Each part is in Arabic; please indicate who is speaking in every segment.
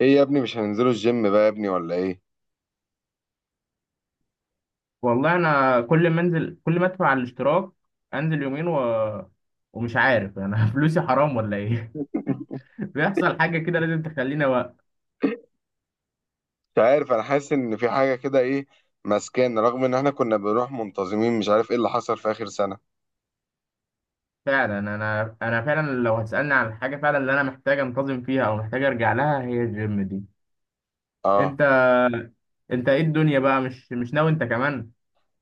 Speaker 1: ايه يا ابني، مش هننزلوا الجيم بقى يا ابني ولا ايه؟
Speaker 2: والله انا كل ما انزل كل ما ادفع على الاشتراك، انزل يومين و... ومش عارف انا، فلوسي حرام ولا ايه؟ بيحصل حاجه كده لازم تخليني وقت.
Speaker 1: مش عارف، انا حاسس ان في حاجه كده، ايه ماسكانا؟ رغم ان احنا كنا بنروح منتظمين. مش عارف ايه اللي حصل في اخر سنه.
Speaker 2: فعلا انا فعلا لو هتسالني عن الحاجه، فعلا اللي انا محتاج انتظم فيها او محتاج ارجع لها هي الجيم دي.
Speaker 1: اه
Speaker 2: انت انت ايه الدنيا بقى؟ مش ناوي انت كمان؟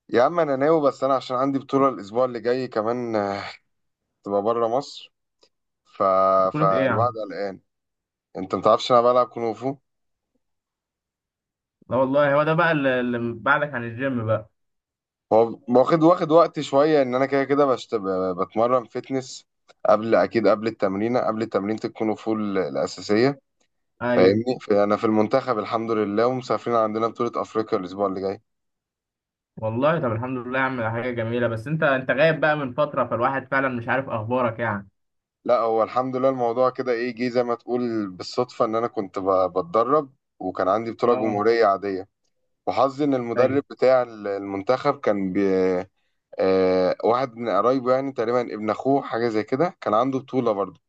Speaker 1: يا عم انا ناوي، بس انا عشان عندي بطوله الاسبوع اللي جاي كمان، تبقى بره مصر. ف...
Speaker 2: بطولة ايه يا
Speaker 1: فالوعد
Speaker 2: عم؟
Speaker 1: قلقان. انت متعرفش انا بلعب كونغ فو.
Speaker 2: لا والله، هو ده بقى اللي بعدك عن الجيم بقى؟
Speaker 1: هو واخد وقت شويه، ان انا كده كده بتمرن فتنس قبل، اكيد قبل التمرين، قبل تمرينه الكونغ فو الاساسيه،
Speaker 2: ايوه.
Speaker 1: فاهمني؟ فانا في المنتخب الحمد لله، ومسافرين عندنا بطولة افريقيا الاسبوع اللي جاي.
Speaker 2: والله طب الحمد لله يا عم، ده حاجه جميله، بس انت غايب بقى من فتره، فالواحد فعلا مش عارف اخبارك يعني.
Speaker 1: لا هو الحمد لله، الموضوع كده ايه، جه زي ما تقول بالصدفة، ان انا كنت بتدرب وكان عندي بطولة
Speaker 2: اه.
Speaker 1: جمهورية عادية، وحظي ان المدرب
Speaker 2: ايوه،
Speaker 1: بتاع المنتخب كان بي آه واحد من قرايبه يعني، تقريبا ابن اخوه حاجة زي كده، كان عنده بطولة برضه.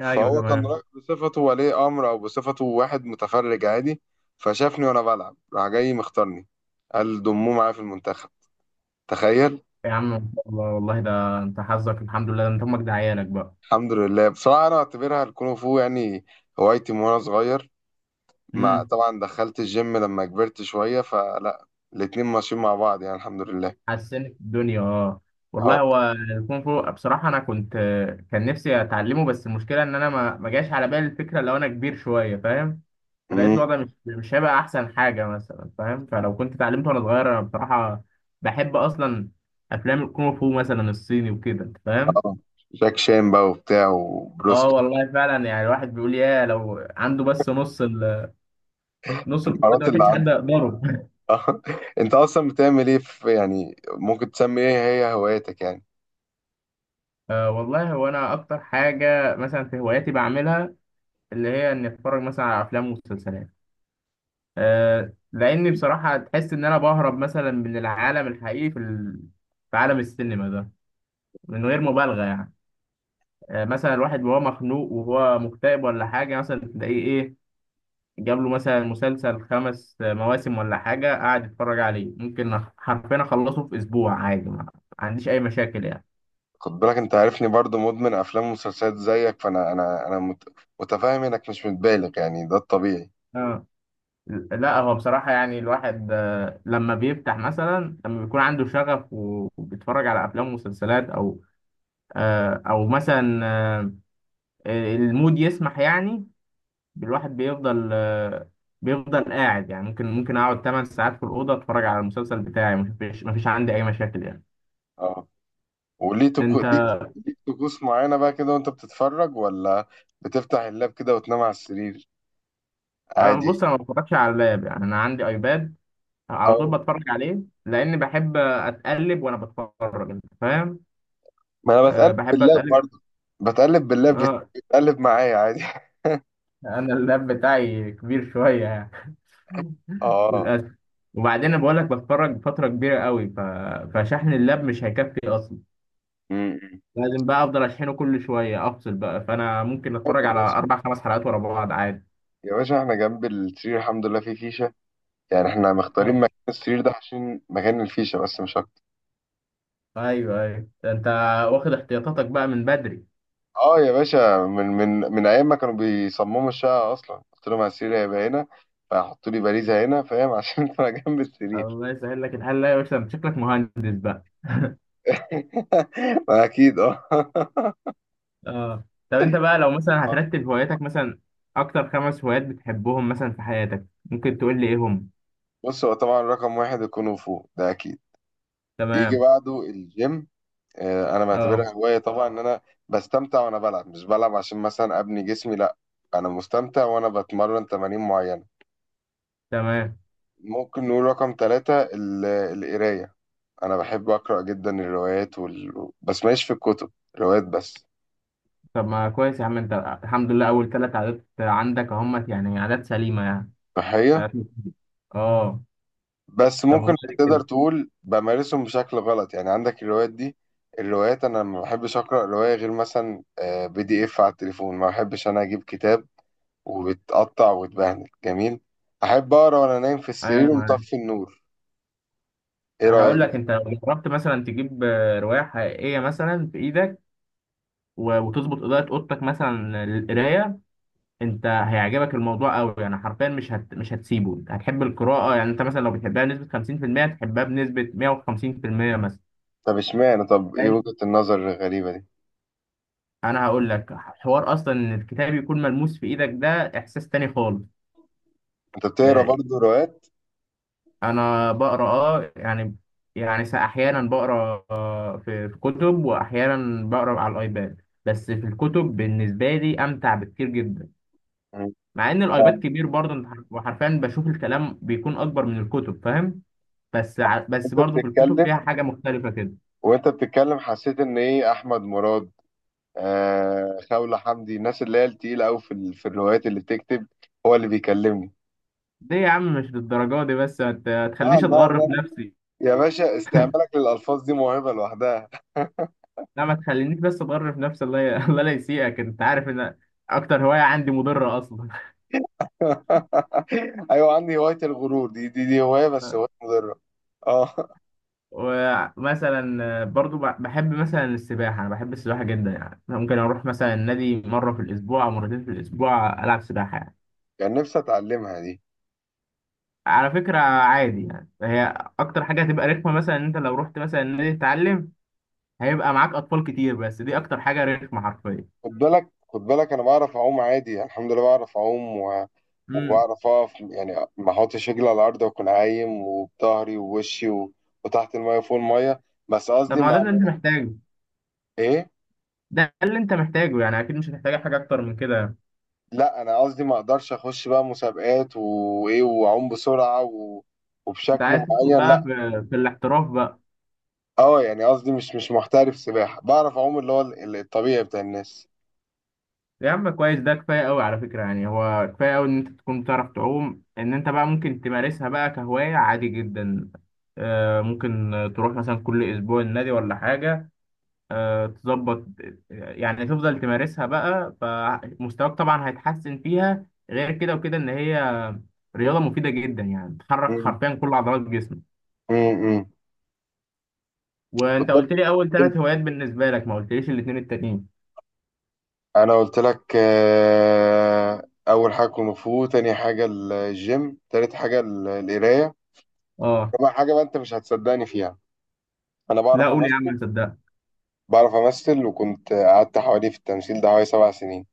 Speaker 2: ايوه،
Speaker 1: فهو كان
Speaker 2: تمام.
Speaker 1: رايح بصفته ولي امر، او بصفته واحد متفرج عادي. فشافني وانا بلعب، راح جاي مختارني. قال ضموه معايا في المنتخب. تخيل.
Speaker 2: يا عم إن شاء الله، والله ده انت حظك الحمد لله، ده انت امك دعيانك بقى.
Speaker 1: الحمد لله، بصراحة أنا أعتبرها الكونغ فو يعني هوايتي من وأنا صغير. مع
Speaker 2: امم.
Speaker 1: طبعا دخلت الجيم لما كبرت شوية، فلا، الاتنين ماشيين مع بعض يعني الحمد لله.
Speaker 2: حسنت الدنيا، اه.
Speaker 1: اه.
Speaker 2: والله هو الكونغ فو بصراحه انا كنت، كان نفسي اتعلمه، بس المشكله ان انا ما جاش على بالي الفكره، لو انا كبير شويه فاهم، فلقيت
Speaker 1: أمم،
Speaker 2: الوضع مش هيبقى احسن حاجه مثلا فاهم، فلو كنت اتعلمته وانا صغير. انا بصراحه بحب اصلا افلام الكونغ فو مثلا الصيني وكده، أنت فاهم.
Speaker 1: اه. جاك شان بقى وبتاع،
Speaker 2: اه
Speaker 1: وبروسلي.
Speaker 2: والله فعلا يعني الواحد بيقول، يا لو عنده بس نص القوة دي
Speaker 1: المهارات
Speaker 2: ما
Speaker 1: اللي
Speaker 2: كانش حد
Speaker 1: عنده.
Speaker 2: يقدره.
Speaker 1: آه. أنت أصلا بتعمل إيه في، يعني ممكن تسمي إيه هي هواياتك يعني؟
Speaker 2: أه والله هو انا اكتر حاجه مثلا في هواياتي بعملها اللي هي اني اتفرج مثلا على افلام ومسلسلات. أه لاني بصراحه تحس ان انا بهرب مثلا من العالم الحقيقي في عالم السينما ده، من غير مبالغه يعني. أه مثلا الواحد وهو مخنوق وهو مكتئب ولا حاجه، مثلا تلاقيه ايه، جاب له مثلا مسلسل خمس مواسم ولا حاجه، قاعد يتفرج عليه، ممكن حرفيا اخلصه في اسبوع عادي، ما عنديش اي مشاكل يعني.
Speaker 1: خد بالك، أنت عارفني برضو مدمن أفلام ومسلسلات زيك، فأنا أنا متفاهم إنك مش متبالغ يعني، ده الطبيعي.
Speaker 2: اه. لا هو بصراحة يعني الواحد، لما بيفتح، مثلا لما بيكون عنده شغف و- وبيتفرج على أفلام ومسلسلات، أو أو مثلا، المود يسمح يعني، الواحد بيفضل قاعد يعني، ممكن أقعد 8 ساعات في الأوضة أتفرج على المسلسل بتاعي، مفيش عندي أي مشاكل يعني.
Speaker 1: آه.
Speaker 2: أنت.
Speaker 1: ليك، طقوس معينة بقى كده وانت بتتفرج، ولا بتفتح اللاب كده وتنام على السرير
Speaker 2: بص،
Speaker 1: عادي؟
Speaker 2: أنا ما بتفرجش على اللاب، يعني أنا عندي أيباد على طول
Speaker 1: اه.
Speaker 2: بتفرج عليه، لأن بحب أتقلب وأنا بتفرج، أنت فاهم؟
Speaker 1: ما انا بتقلب
Speaker 2: آه، بحب
Speaker 1: باللاب
Speaker 2: أتقلب.
Speaker 1: برضه. بتقلب باللاب،
Speaker 2: اه،
Speaker 1: بتقلب معايا عادي.
Speaker 2: انا اللاب بتاعي كبير شويه يعني،
Speaker 1: اه.
Speaker 2: للاسف. وبعدين بقول لك بتفرج فتره كبيره قوي، فشحن اللاب مش هيكفي اصلا،
Speaker 1: امم
Speaker 2: لازم بقى افضل اشحنه كل شويه، افصل بقى، فانا ممكن
Speaker 1: يا
Speaker 2: اتفرج على
Speaker 1: باشا،
Speaker 2: اربع خمس حلقات ورا بعض عادي.
Speaker 1: يا باشا احنا جنب السرير الحمد لله في فيشة، يعني احنا مختارين
Speaker 2: آه.
Speaker 1: مكان السرير ده عشان مكان الفيشة، بس مش اكتر.
Speaker 2: ايوه، ايوه، ده انت واخد احتياطاتك بقى من بدري.
Speaker 1: اه يا باشا، من ايام ما كانوا بيصمموا الشقة، اصلا قلت لهم على السرير هيبقى هنا، فحطوا لي باريزة هنا، فاهم؟ عشان انا جنب السرير.
Speaker 2: الله يسهل لك الحل. لا يا باشا، انت شكلك مهندس بقى.
Speaker 1: ما اكيد اه.
Speaker 2: اه، طب انت بقى لو مثلا هترتب هواياتك مثلا، اكتر خمس هوايات بتحبهم مثلا في حياتك، ممكن تقول لي ايه هم؟
Speaker 1: بص هو طبعا رقم واحد الكونغ فو ده اكيد، يجي
Speaker 2: تمام.
Speaker 1: بعده الجيم. انا
Speaker 2: اه،
Speaker 1: بعتبرها هوايه طبعا، ان انا بستمتع وانا بلعب، مش بلعب عشان مثلا ابني جسمي لا، انا مستمتع وانا بتمرن تمارين معينه.
Speaker 2: تمام.
Speaker 1: ممكن نقول رقم ثلاثة القرايه. انا بحب اقرا جدا الروايات بس ماليش في الكتب، روايات بس.
Speaker 2: طب ما كويس يا عم، انت الحمد لله اول ثلاث عادات عندك اهمت يعني، عادات سليمه يعني،
Speaker 1: صحيح.
Speaker 2: عادات، اه.
Speaker 1: بس
Speaker 2: طب وبعد
Speaker 1: ممكن
Speaker 2: كده؟
Speaker 1: تقدر تقول بمارسهم بشكل غلط يعني، عندك الروايات دي، الروايات انا ما بحبش اقرا روايه غير مثلا بي دي اف على التليفون، ما بحبش انا اجيب كتاب وبتقطع وتبهدل جميل، احب اقرا وانا نايم في
Speaker 2: ايوه، انا
Speaker 1: السرير
Speaker 2: معاك.
Speaker 1: ومطفي النور. ايه رايك
Speaker 2: هقول لك،
Speaker 1: بقى؟
Speaker 2: انت لو جربت مثلا تجيب روايه حقيقيه مثلا في ايدك و- وتظبط اضاءه اوضتك مثلا للقرايه، انت هيعجبك الموضوع قوي يعني، حرفيا مش هتسيبه، انت هتحب القراءه يعني، انت مثلا لو بتحبها بنسبه 50%، تحبها بنسبه 150% مثلا.
Speaker 1: طب اشمعنى، طب ايه
Speaker 2: لأن
Speaker 1: وجهه النظر الغريبه دي؟
Speaker 2: انا هقول لك حوار اصلا، ان الكتاب يكون ملموس في ايدك ده احساس تاني خالص.
Speaker 1: انت بتقرا
Speaker 2: آه،
Speaker 1: برضو روايات؟
Speaker 2: انا بقرا اه يعني، يعني احيانا بقرا، في كتب، واحيانا بقرا على الايباد، بس في الكتب بالنسبه لي امتع بكتير جدا،
Speaker 1: مم.
Speaker 2: مع ان
Speaker 1: طب
Speaker 2: الايباد كبير برضه. أنت وحرفيا بشوف الكلام بيكون اكبر من الكتب فاهم. بس
Speaker 1: انت
Speaker 2: برضه في الكتب
Speaker 1: بتتكلم
Speaker 2: فيها حاجه مختلفه كده.
Speaker 1: وانت بتتكلم حسيت ان ايه احمد مراد، خولة حمدي، الناس اللي هي التقيله قوي في في الروايات اللي بتكتب هو اللي بيكلمني؟
Speaker 2: ليه يا عم؟ مش للدرجه دي، بس ما
Speaker 1: لا
Speaker 2: تخلينيش
Speaker 1: لا
Speaker 2: اتغر في
Speaker 1: لا،
Speaker 2: نفسي.
Speaker 1: يا باشا استعمالك للألفاظ دي موهبة لوحدها.
Speaker 2: لا ما تخلينيش بس اتغر في نفسي. الله لا يسيئك، انت عارف ان اكتر هوايه عندي مضره اصلا.
Speaker 1: أيوة عندي هواية الغرور، دي هواية، بس هواية مضرة. اه.
Speaker 2: ومثلا برضو بحب مثلا السباحة، أنا بحب السباحة جدا يعني، أنا ممكن أروح مثلا النادي مرة في الأسبوع أو مرتين في الأسبوع ألعب سباحة يعني.
Speaker 1: كان نفسي أتعلمها دي.
Speaker 2: على فكرة عادي يعني، هي أكتر حاجة هتبقى رخمة مثلا إن أنت لو رحت مثلا النادي تتعلم، هيبقى معاك أطفال كتير، بس دي أكتر حاجة رخمة حرفيا.
Speaker 1: خد بالك، خد بالك، أنا بعرف أعوم عادي، الحمد لله بعرف أعوم
Speaker 2: امم.
Speaker 1: وبعرف أقف يعني، ما أحطش رجلي على الأرض وأكون عايم، وبظهري ووشي وتحت المية وفوق المية. بس
Speaker 2: طب
Speaker 1: قصدي
Speaker 2: ما هو ده
Speaker 1: مع.
Speaker 2: اللي أنت محتاجه،
Speaker 1: إيه؟
Speaker 2: ده اللي أنت محتاجه يعني، أكيد مش هتحتاج حاجة أكتر من كده.
Speaker 1: لا، أنا قصدي ما أقدرش أخش بقى مسابقات وإيه وأعوم بسرعة
Speaker 2: أنت
Speaker 1: وبشكل
Speaker 2: عايز تدخل
Speaker 1: معين
Speaker 2: بقى
Speaker 1: لا.
Speaker 2: في الاحتراف بقى؟
Speaker 1: اه يعني قصدي، مش محترف سباحة، بعرف اعوم اللي هو الطبيعي بتاع الناس.
Speaker 2: يا عم كويس، ده كفايه قوي على فكره يعني، هو كفايه قوي ان انت تكون بتعرف تعوم، ان انت بقى ممكن تمارسها بقى كهوايه عادي جدا. ممكن تروح مثلا كل اسبوع النادي ولا حاجه، تظبط يعني، تفضل تمارسها بقى، فمستواك طبعا هيتحسن فيها، غير كده وكده ان هي رياضه مفيده جدا يعني، بتحرك
Speaker 1: مم.
Speaker 2: حرفيا كل عضلات جسمك.
Speaker 1: مم. مم. خد
Speaker 2: وانت
Speaker 1: بالك.
Speaker 2: قلت لي اول
Speaker 1: انت.
Speaker 2: ثلاث هوايات بالنسبه لك، ما قلتليش الاثنين التانيين.
Speaker 1: انا قلت لك، اول حاجة كونغ فو، تاني حاجة الجيم، تالت حاجة القراية،
Speaker 2: اه.
Speaker 1: رابع حاجة بقى انت مش هتصدقني فيها، انا
Speaker 2: لا
Speaker 1: بعرف
Speaker 2: قول يا
Speaker 1: امثل.
Speaker 2: عم، صدق.
Speaker 1: بعرف امثل وكنت قعدت حوالي في التمثيل ده حوالي 7 سنين.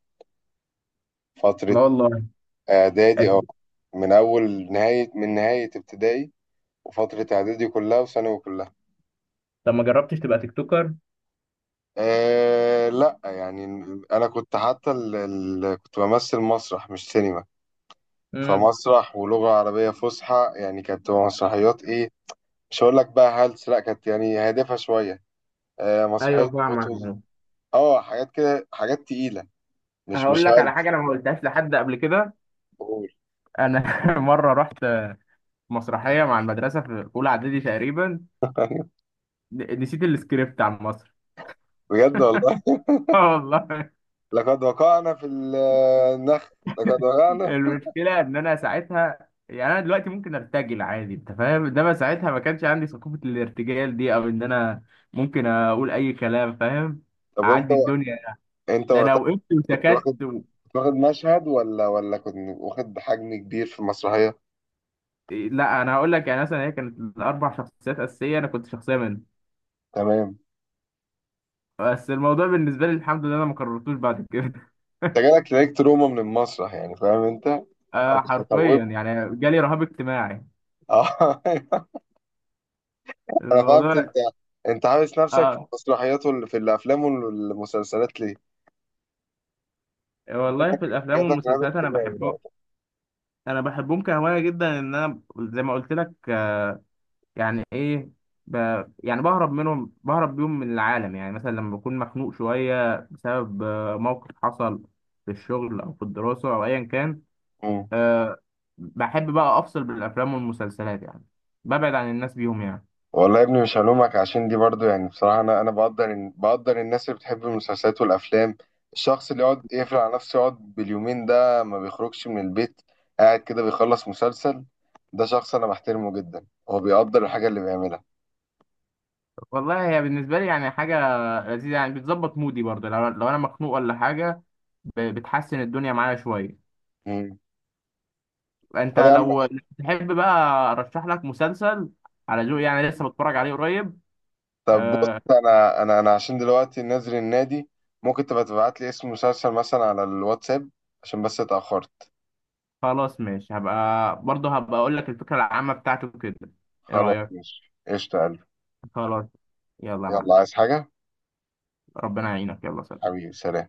Speaker 1: فترة
Speaker 2: لا والله.
Speaker 1: اعدادي، من نهاية ابتدائي، وفترة اعدادي كلها وثانوي كلها.
Speaker 2: طب ما جربتش تبقى تيك توكر؟
Speaker 1: لا يعني انا كنت حتى كنت بمثل مسرح، مش سينما. فمسرح ولغة عربية فصحى يعني، كانت تبقى مسرحيات ايه؟ مش هقول لك بقى هلس، لا كانت يعني هادفة شوية. مسرحية
Speaker 2: ايوه فاهمك.
Speaker 1: قطز. اه حاجات كده، حاجات تقيلة، مش
Speaker 2: هقول
Speaker 1: مش
Speaker 2: لك على حاجه
Speaker 1: هلس.
Speaker 2: انا ما قلتهاش لحد قبل كده.
Speaker 1: بقول.
Speaker 2: انا مره رحت مسرحيه مع المدرسه في اولى اعدادي تقريبا، نسيت السكريبت عن مصر.
Speaker 1: بجد والله؟
Speaker 2: اه والله.
Speaker 1: لقد وقعنا في النخ، لقد وقعنا.
Speaker 2: المشكله ان انا ساعتها يعني، انا دلوقتي ممكن ارتجل عادي انت فاهم، انما ساعتها ما كانش عندي ثقافه الارتجال دي، او ان انا ممكن اقول اي كلام فاهم.
Speaker 1: طب وانت
Speaker 2: اعدي الدنيا.
Speaker 1: انت
Speaker 2: ده انا
Speaker 1: وقتها،
Speaker 2: وقفت
Speaker 1: كنت
Speaker 2: وسكت
Speaker 1: واخد
Speaker 2: و...
Speaker 1: كنت واخد مشهد ولا كنت واخد حجم كبير في المسرحية؟
Speaker 2: إيه، لا انا هقول لك، يعني مثلا هي كانت الاربع شخصيات اساسيه، انا كنت شخصيه منهم،
Speaker 1: تمام.
Speaker 2: بس الموضوع بالنسبة لي الحمد لله أنا ما كررتوش بعد كده.
Speaker 1: انت جالك لايك تروما من المسرح يعني، فاهم انت؟ أو
Speaker 2: آه
Speaker 1: مش
Speaker 2: حرفيا
Speaker 1: هتوبه.
Speaker 2: يعني جالي رهاب اجتماعي.
Speaker 1: اه. انا فهمت، انت
Speaker 2: الموضوع.
Speaker 1: انت حابس نفسك في
Speaker 2: آه
Speaker 1: المسرحيات واللي في الافلام والمسلسلات، ليه؟
Speaker 2: والله، في الأفلام
Speaker 1: جاب لك رهاب
Speaker 2: والمسلسلات أنا
Speaker 1: اجتماعي
Speaker 2: بحبه.
Speaker 1: بقى.
Speaker 2: أنا بحبهم كهواية جدا، إن أنا زي ما قلت لك، يعني إيه، ب... يعني بهرب منهم، بهرب بيهم من العالم يعني، مثلا لما بكون مخنوق شوية بسبب موقف حصل في الشغل أو في الدراسة أو أيا كان.
Speaker 1: مم.
Speaker 2: آه بحب بقى أفصل بالأفلام والمسلسلات يعني، ببعد عن الناس بيهم يعني.
Speaker 1: والله يا ابني مش هلومك، عشان دي برضو يعني بصراحة، أنا بقدر الناس اللي بتحب المسلسلات والأفلام. الشخص اللي يقعد يقفل على نفسه، يقعد باليومين ده ما بيخرجش من البيت، قاعد كده بيخلص مسلسل، ده شخص أنا بحترمه جدا، هو بيقدر الحاجة اللي بيعملها.
Speaker 2: والله هي بالنسبة لي يعني حاجة لذيذ يعني، بتظبط مودي برضه، لو انا مخنوق ولا حاجه بتحسن الدنيا معايا شويه.
Speaker 1: مم.
Speaker 2: انت
Speaker 1: طب يا عم،
Speaker 2: لو تحب بقى ارشح لك مسلسل على ذوقي يعني، لسه بتفرج عليه قريب.
Speaker 1: طب بص،
Speaker 2: آه
Speaker 1: انا عشان دلوقتي نازل النادي، ممكن تبقى تبعت لي اسم مسلسل مثلا على الواتساب، عشان بس اتأخرت.
Speaker 2: خلاص ماشي، هبقى برضه هبقى اقول لك الفكره العامه بتاعته كده. ايه
Speaker 1: خلاص
Speaker 2: رايك؟
Speaker 1: ماشي، قشطة يا قلبي.
Speaker 2: خلاص. يلا يا معلم.
Speaker 1: يلا، عايز حاجة؟
Speaker 2: ربنا يعينك، يلا سلام.
Speaker 1: حبيبي سلام.